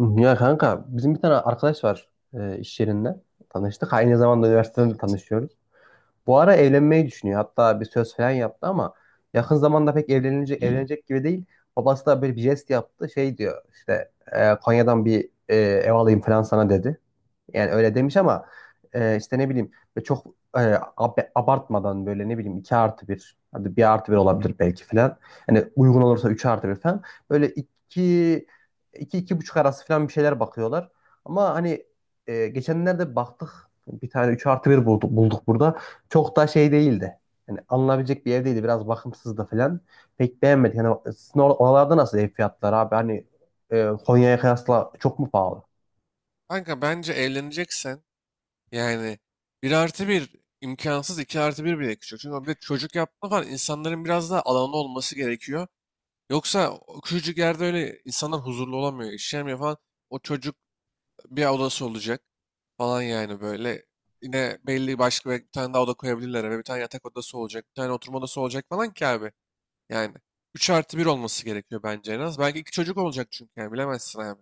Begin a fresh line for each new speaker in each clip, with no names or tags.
Hı, Ya kanka bizim bir tane arkadaş var, iş yerinde tanıştık. Aynı zamanda üniversiteden de
Evet.
tanışıyoruz. Bu ara evlenmeyi düşünüyor. Hatta bir söz falan yaptı, ama yakın zamanda pek evlenecek gibi değil. Babası da böyle bir jest yaptı. Şey diyor işte, Konya'dan bir ev alayım falan sana dedi. Yani öyle demiş, ama işte ne bileyim böyle çok, abartmadan, böyle ne bileyim 2 artı bir, hadi bir artı bir olabilir belki falan. Hani uygun olursa 3 artı bir falan. Böyle iki, iki buçuk arası falan bir şeyler bakıyorlar. Ama hani geçenlerde baktık, bir tane 3 artı bir bulduk burada. Çok da şey değildi. Yani alınabilecek bir ev değildi. Biraz bakımsızdı falan. Pek beğenmedik. Yani sizin oralarda nasıl ev fiyatları abi? Hani Konya'ya kıyasla çok mu pahalı?
Kanka bence evleneceksen yani bir artı bir imkansız, iki artı bir bile küçük. Çünkü bir de çocuk yapma falan, insanların biraz daha alanı olması gerekiyor. Yoksa o küçücük yerde öyle insanlar huzurlu olamıyor, işlemiyor falan. O çocuk, bir odası olacak falan yani böyle. Yine belli başka bir tane daha oda koyabilirler eve. Bir tane yatak odası olacak, bir tane oturma odası olacak falan ki abi. Yani 3 artı bir olması gerekiyor bence en az. Belki iki çocuk olacak çünkü, yani bilemezsin abi.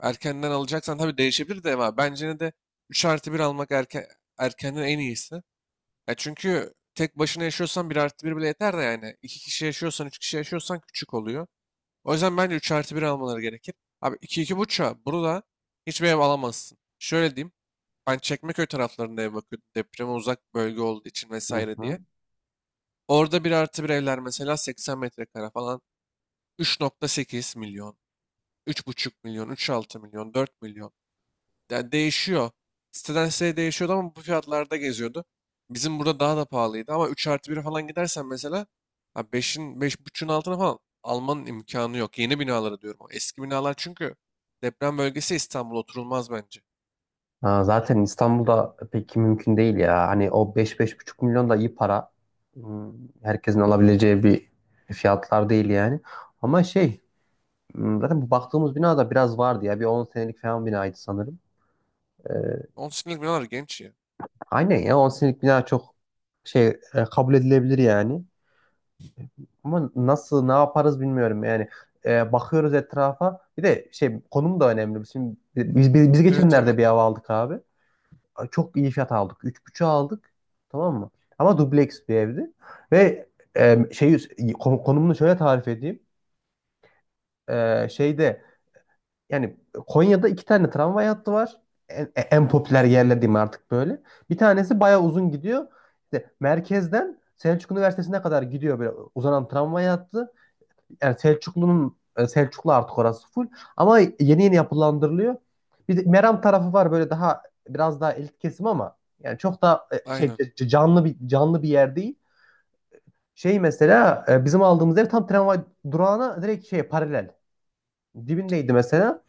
Erkenden alacaksan tabii değişebilir de, ama bence ne de 3 artı bir almak erken, erkenden en iyisi. Ya çünkü tek başına yaşıyorsan bir artı bir bile yeter de yani. İki kişi yaşıyorsan, 3 kişi yaşıyorsan küçük oluyor. O yüzden bence 3 artı bir almaları gerekir. Abi 2 iki buçuğa burada hiçbir ev alamazsın. Şöyle diyeyim. Ben Çekmeköy taraflarında ev bakıyordum, depreme uzak bölge olduğu için
Hı
vesaire
hı.
diye. Orada bir artı bir evler mesela 80 metrekare falan, 3,8 milyon, 3,5 milyon, 3,6 milyon, 4 milyon. Yani değişiyor. Siteden siteye değişiyordu ama bu fiyatlarda geziyordu. Bizim burada daha da pahalıydı ama 3 artı bir falan gidersen mesela, ha beşin beş 5,5'un altına falan almanın imkanı yok. Yeni binaları diyorum. O eski binalar çünkü deprem bölgesi, İstanbul oturulmaz bence.
Ha, zaten İstanbul'da pek mümkün değil ya. Hani o beş beş buçuk milyon da iyi para. Hmm, Herkesin alabileceği bir fiyatlar değil yani. Ama şey, zaten bu baktığımız bina da biraz vardı ya. Bir 10 senelik falan binaydı sanırım. Ee,
10 senelik binalar genç ya.
aynen ya, 10 senelik bina çok şey, kabul edilebilir yani. Ama nasıl ne yaparız bilmiyorum yani. Bakıyoruz etrafa. Bir de şey, konum da önemli. Şimdi biz
Evet, tabii.
geçenlerde bir ev aldık abi. Çok iyi fiyat aldık. 3,5'a aldık. Tamam mı? Ama dubleks bir evdi. Ve şey, konumunu şöyle tarif edeyim. Şeyde yani, Konya'da iki tane tramvay hattı var. En popüler
Aynen.
yerler diyeyim artık böyle. Bir tanesi bayağı uzun gidiyor. İşte merkezden Selçuk Üniversitesi'ne kadar gidiyor böyle uzanan tramvay hattı. Yani Selçuklu'nun, Selçuklu artık orası full, ama yeni yeni yapılandırılıyor. Bir de Meram tarafı var, böyle daha biraz daha elit kesim, ama yani çok da şey,
Aynen.
canlı bir yer değil. Şey mesela, bizim aldığımız ev tam tramvay durağına direkt şey paralel. Dibindeydi mesela.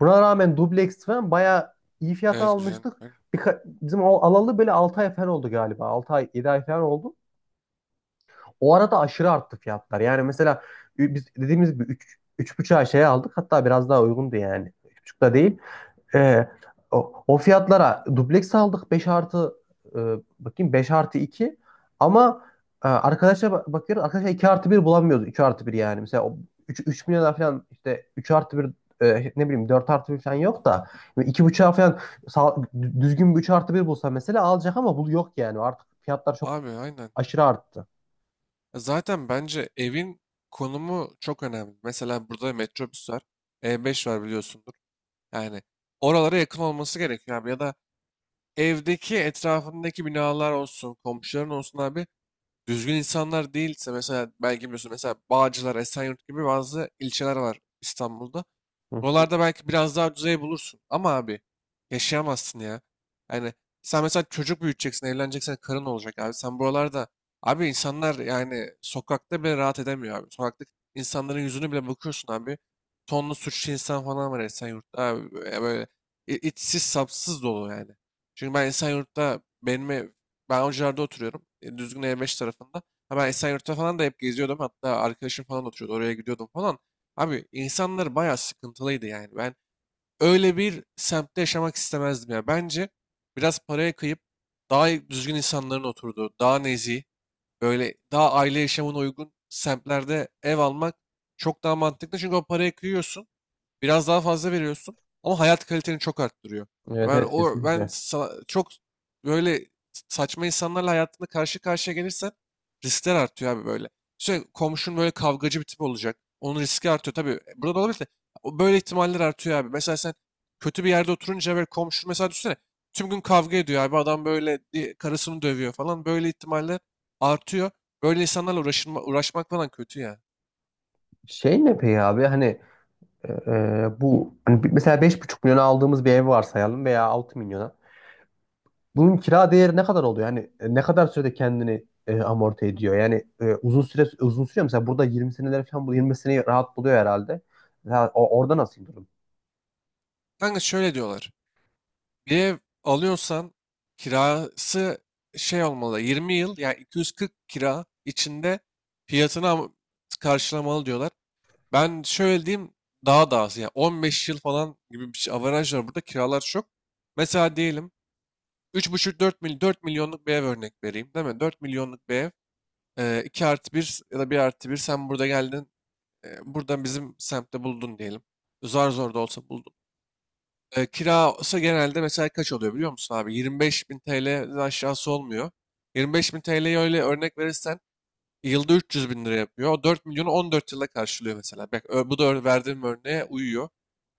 Buna rağmen dubleks falan bayağı iyi fiyata
Evet, güzel.
almıştık.
Aynen.
Bizim o alalı böyle 6 ay falan oldu galiba. 6 ay 7 ay falan oldu. O arada aşırı arttı fiyatlar. Yani mesela, biz dediğimiz gibi 3 3,5'a şey aldık. Hatta biraz daha uygundu yani. 3,5'da değil. Ee, o fiyatlara dubleks aldık, e, bakayım, 5 artı 2. Ama arkadaşa bakıyoruz, arkadaşlar 2 artı bir bulamıyoruz. 2 artı bir yani. Mesela o 3 milyona falan işte 3 artı bir, ne bileyim, 4 artı bir falan yok da 2,5'a falan sağ- düzgün bir 3 artı bir bulsa mesela alacak, ama bu yok yani. Artık fiyatlar çok
Abi, aynen.
aşırı arttı.
Zaten bence evin konumu çok önemli. Mesela burada metrobüs var. E5 var, biliyorsundur. Yani oralara yakın olması gerekiyor abi. Ya da evdeki, etrafındaki binalar olsun, komşuların olsun abi, düzgün insanlar değilse, mesela belki biliyorsun, mesela Bağcılar, Esenyurt gibi bazı ilçeler var İstanbul'da.
Hı. Hı.
Buralarda belki biraz daha düzey bulursun ama abi yaşayamazsın ya. Yani sen mesela çocuk büyüteceksin, evleneceksin, karın olacak abi. Sen buralarda abi, insanlar yani sokakta bile rahat edemiyor abi. Sokakta insanların yüzünü bile bakıyorsun abi. Tonlu suçlu insan falan var Esenyurt'ta abi. Böyle böyle içsiz sapsız dolu yani. Çünkü ben Esenyurt'ta benim ev- ben Avcılar'da oturuyorum. Düzgün E5 tarafında. Ha, ben Esenyurt'ta falan da hep geziyordum. Hatta arkadaşım falan oturuyordu, oraya gidiyordum falan. Abi insanlar bayağı sıkıntılıydı yani. Ben öyle bir semtte yaşamak istemezdim ya. Bence biraz paraya kıyıp düzgün insanların oturduğu, daha nezih, böyle daha aile yaşamına uygun semtlerde ev almak çok daha mantıklı. Çünkü o paraya kıyıyorsun, biraz daha fazla veriyorsun ama hayat kaliteni çok arttırıyor.
Evet,
Ben
evet,
o ben
kesinlikle.
sa- Çok böyle saçma insanlarla hayatında karşı karşıya gelirsen riskler artıyor abi böyle. Sürekli komşun böyle kavgacı bir tip olacak, onun riski artıyor tabii. Burada da olabilir de, o böyle ihtimaller artıyor abi. Mesela sen kötü bir yerde oturunca böyle komşun, mesela düşünsene, tüm gün kavga ediyor abi adam, böyle karısını dövüyor falan, böyle ihtimaller artıyor. Böyle insanlarla uğraşılma, uğraşmak falan kötü ya.
Şey ne peki abi, hani bu hani, mesela 5,5 milyona aldığımız bir ev varsayalım veya 6 milyona. Bunun kira değeri ne kadar oluyor? Yani ne kadar sürede kendini amorti ediyor? Yani, uzun sürüyor mu? Mesela burada 20 seneler falan, bu 20 seneyi rahat buluyor herhalde. Mesela orada nasıl durum?
Kanka şöyle diyorlar. Bir ev alıyorsan kirası şey olmalı, 20 yıl yani 240 kira içinde fiyatını karşılamalı diyorlar. Ben şöyle diyeyim, daha da az yani, 15 yıl falan gibi bir şey averaj var burada, kiralar çok. Mesela diyelim üç buçuk 4 milyon, 4 milyonluk bir ev örnek vereyim değil mi? Dört milyonluk bir ev, 2 artı bir ya da bir artı bir, sen burada geldin buradan, bizim semtte buldun diyelim. Zar zor da olsa kira olsa genelde mesela kaç oluyor biliyor musun abi? 25 bin TL'den aşağısı olmuyor. 25 bin TL'yi öyle örnek verirsen yılda 300 bin lira yapıyor. O 4 milyonu 14 yılda karşılıyor mesela. Bak, bu da verdiğim örneğe uyuyor.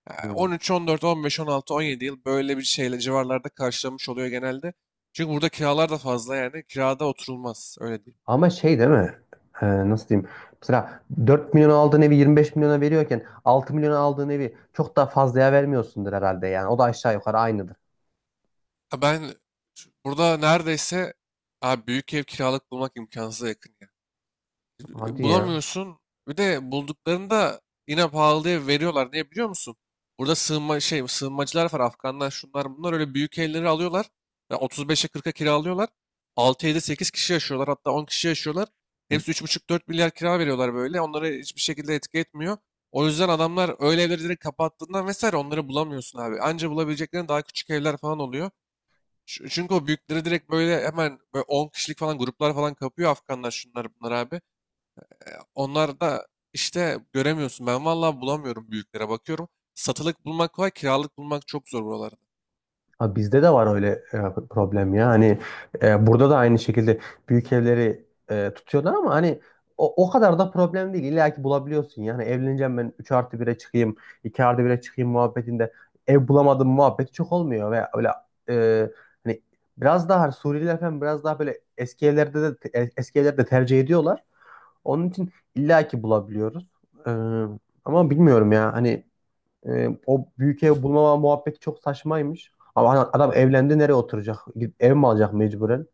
Yani
Hmm.
13, 14, 15, 16, 17 yıl böyle bir şeyle civarlarda karşılamış oluyor genelde. Çünkü burada kiralar da fazla yani. Kirada oturulmaz, öyle diyeyim.
Ama şey, değil mi? Nasıl diyeyim? Mesela 4 milyon aldığın evi 25 milyona veriyorken, 6 milyona aldığın evi çok daha fazlaya vermiyorsundur herhalde yani. O da aşağı yukarı aynıdır.
Ben burada neredeyse, abi, büyük ev kiralık bulmak imkansıza yakın.
Hadi ya.
Bulamıyorsun. Bir de bulduklarında yine pahalıya veriyorlar. Niye biliyor musun? Burada sığınmacılar var. Afganlar, şunlar bunlar öyle büyük evleri alıyorlar. Yani 35'e 40'a kiralıyorlar. 6-7-8 kişi yaşıyorlar, hatta 10 kişi yaşıyorlar. Hepsi üç buçuk dört milyar kira veriyorlar böyle. Onları hiçbir şekilde etki etmiyor. O yüzden adamlar öyle evleri direkt kapattığından vesaire, onları bulamıyorsun abi. Anca bulabileceklerin daha küçük evler falan oluyor. Çünkü o büyükleri direkt böyle hemen böyle 10 kişilik falan gruplar falan kapıyor, Afganlar, şunlar bunlar abi. Onlar da işte göremiyorsun. Ben vallahi bulamıyorum, büyüklere bakıyorum. Satılık bulmak kolay, kiralık bulmak çok zor buralarda.
Ha, bizde de var öyle problem ya. Hani burada da aynı şekilde büyük evleri tutuyorlar, ama hani o kadar da problem değil. İlla ki bulabiliyorsun. Yani evleneceğim, ben 3 artı bire çıkayım, 2 artı bire çıkayım muhabbetinde ev bulamadım muhabbeti çok olmuyor. Ve öyle e, hani, biraz daha hani, Suriyeliler falan biraz daha böyle eski evlerde tercih ediyorlar. Onun için illa ki bulabiliyoruz. E, Ama bilmiyorum ya. Hani, o büyük ev bulmama muhabbeti çok saçmaymış. Ama hani adam evlendi, nereye oturacak? Gidip ev mi alacak mecburen?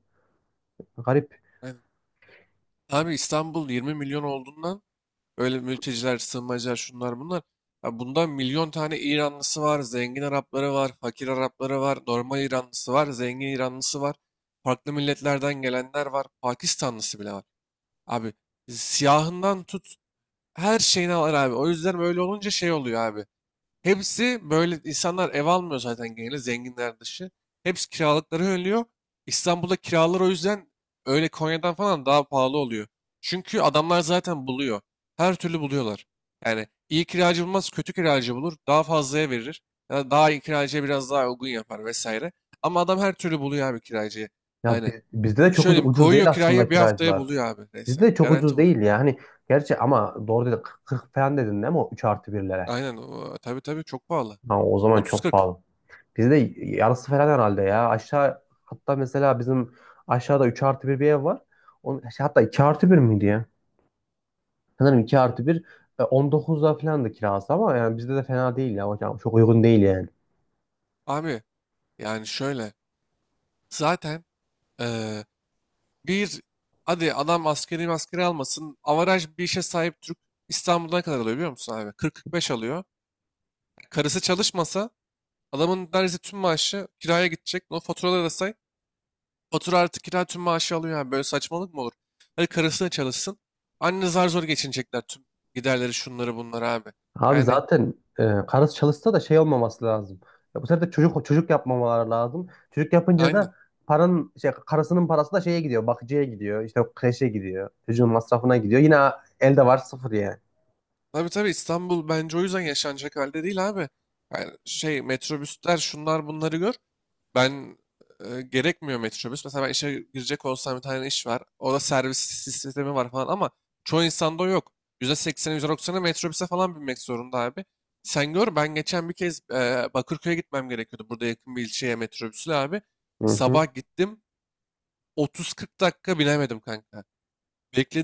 Garip.
Aynen. Abi İstanbul 20 milyon olduğundan öyle, mülteciler, sığınmacılar, şunlar bunlar. Ya bundan milyon tane İranlısı var, zengin Arapları var, fakir Arapları var, normal İranlısı var, zengin İranlısı var. Farklı milletlerden gelenler var, Pakistanlısı bile var. Abi siyahından tut her şeyini alır abi. O yüzden böyle olunca şey oluyor abi. Hepsi böyle insanlar ev almıyor zaten, genelde zenginler dışı. Hepsi kiralıkları önlüyor. İstanbul'da kiralar o yüzden öyle Konya'dan falan daha pahalı oluyor. Çünkü adamlar zaten buluyor. Her türlü buluyorlar. Yani iyi kiracı bulmaz, kötü kiracı bulur, daha fazlaya verir. Ya da daha iyi kiracıya biraz daha uygun yapar vesaire. Ama adam her türlü buluyor abi kiracıyı.
Ya,
Yani
bizde de çok
şöyle diyeyim,
ucuz
koyuyor
değil
kiraya,
aslında
bir haftaya
kiracılar.
buluyor abi.
Bizde
Neyse,
de çok ucuz
garanti buluyor.
değil ya. Hani, gerçi ama doğru dedi, 40 falan dedin değil mi o 3 artı birlere.
Aynen o, tabii tabii çok pahalı.
Ha, o zaman çok
30-40,
pahalı. Bizde yarısı falan herhalde ya. Aşağı, hatta mesela bizim aşağıda 3 artı bir bir ev var. Onun, şey, hatta 2 artı bir miydi ya? Sanırım 2 artı bir. 19'da falan da kirası, ama yani bizde de fena değil ya. Hocam çok uygun değil yani.
abi yani şöyle. Zaten Eee, bir, hadi adam askeri maskeri almasın, avaraj bir işe sahip Türk İstanbul'da kadar alıyor biliyor musun abi? 40-45 alıyor. Karısı çalışmasa adamın neredeyse tüm maaşı kiraya gidecek. O faturaları da say. Fatura artı kira tüm maaşı alıyor yani. Böyle saçmalık mı olur? Hadi karısı da çalışsın, anne zar zor geçinecekler tüm giderleri, şunları bunları abi.
Abi
Yani
zaten karısı çalışsa da şey olmaması lazım. Ya bu sefer de çocuk yapmamaları lazım. Çocuk yapınca
aynen.
da paranın şey, karısının parası da şeye gidiyor, bakıcıya gidiyor, işte kreşe gidiyor, çocuğun masrafına gidiyor. Yine elde var sıfır yani.
Tabii tabii İstanbul bence o yüzden yaşanacak halde değil abi. Yani şey metrobüsler, şunlar bunları gör. Ben gerekmiyor metrobüs. Mesela ben işe girecek olsam bir tane iş var, orada servis sistemi var falan ama çoğu insanda o yok. %80'i %90'ı metrobüse falan binmek zorunda abi. Sen gör, ben geçen bir kez Bakırköy'e gitmem gerekiyordu, burada yakın bir ilçeye metrobüsle abi.
Hı hı.
Sabah gittim, 30-40 dakika binemedim kanka.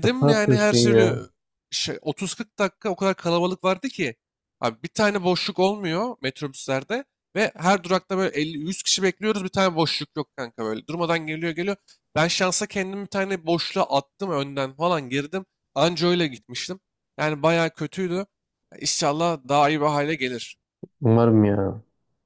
Şaka
yani, her
yapıyorsun ya.
türlü şey, 30-40 dakika o kadar kalabalık vardı ki. Abi bir tane boşluk olmuyor metrobüslerde ve her durakta böyle 50-100 kişi bekliyoruz, bir tane boşluk yok kanka böyle. Durmadan geliyor geliyor. Ben şansa kendim bir tane boşluğa attım, önden falan girdim. Anca öyle gitmiştim. Yani bayağı kötüydü. İnşallah daha iyi bir hale gelir.
Umarım ya.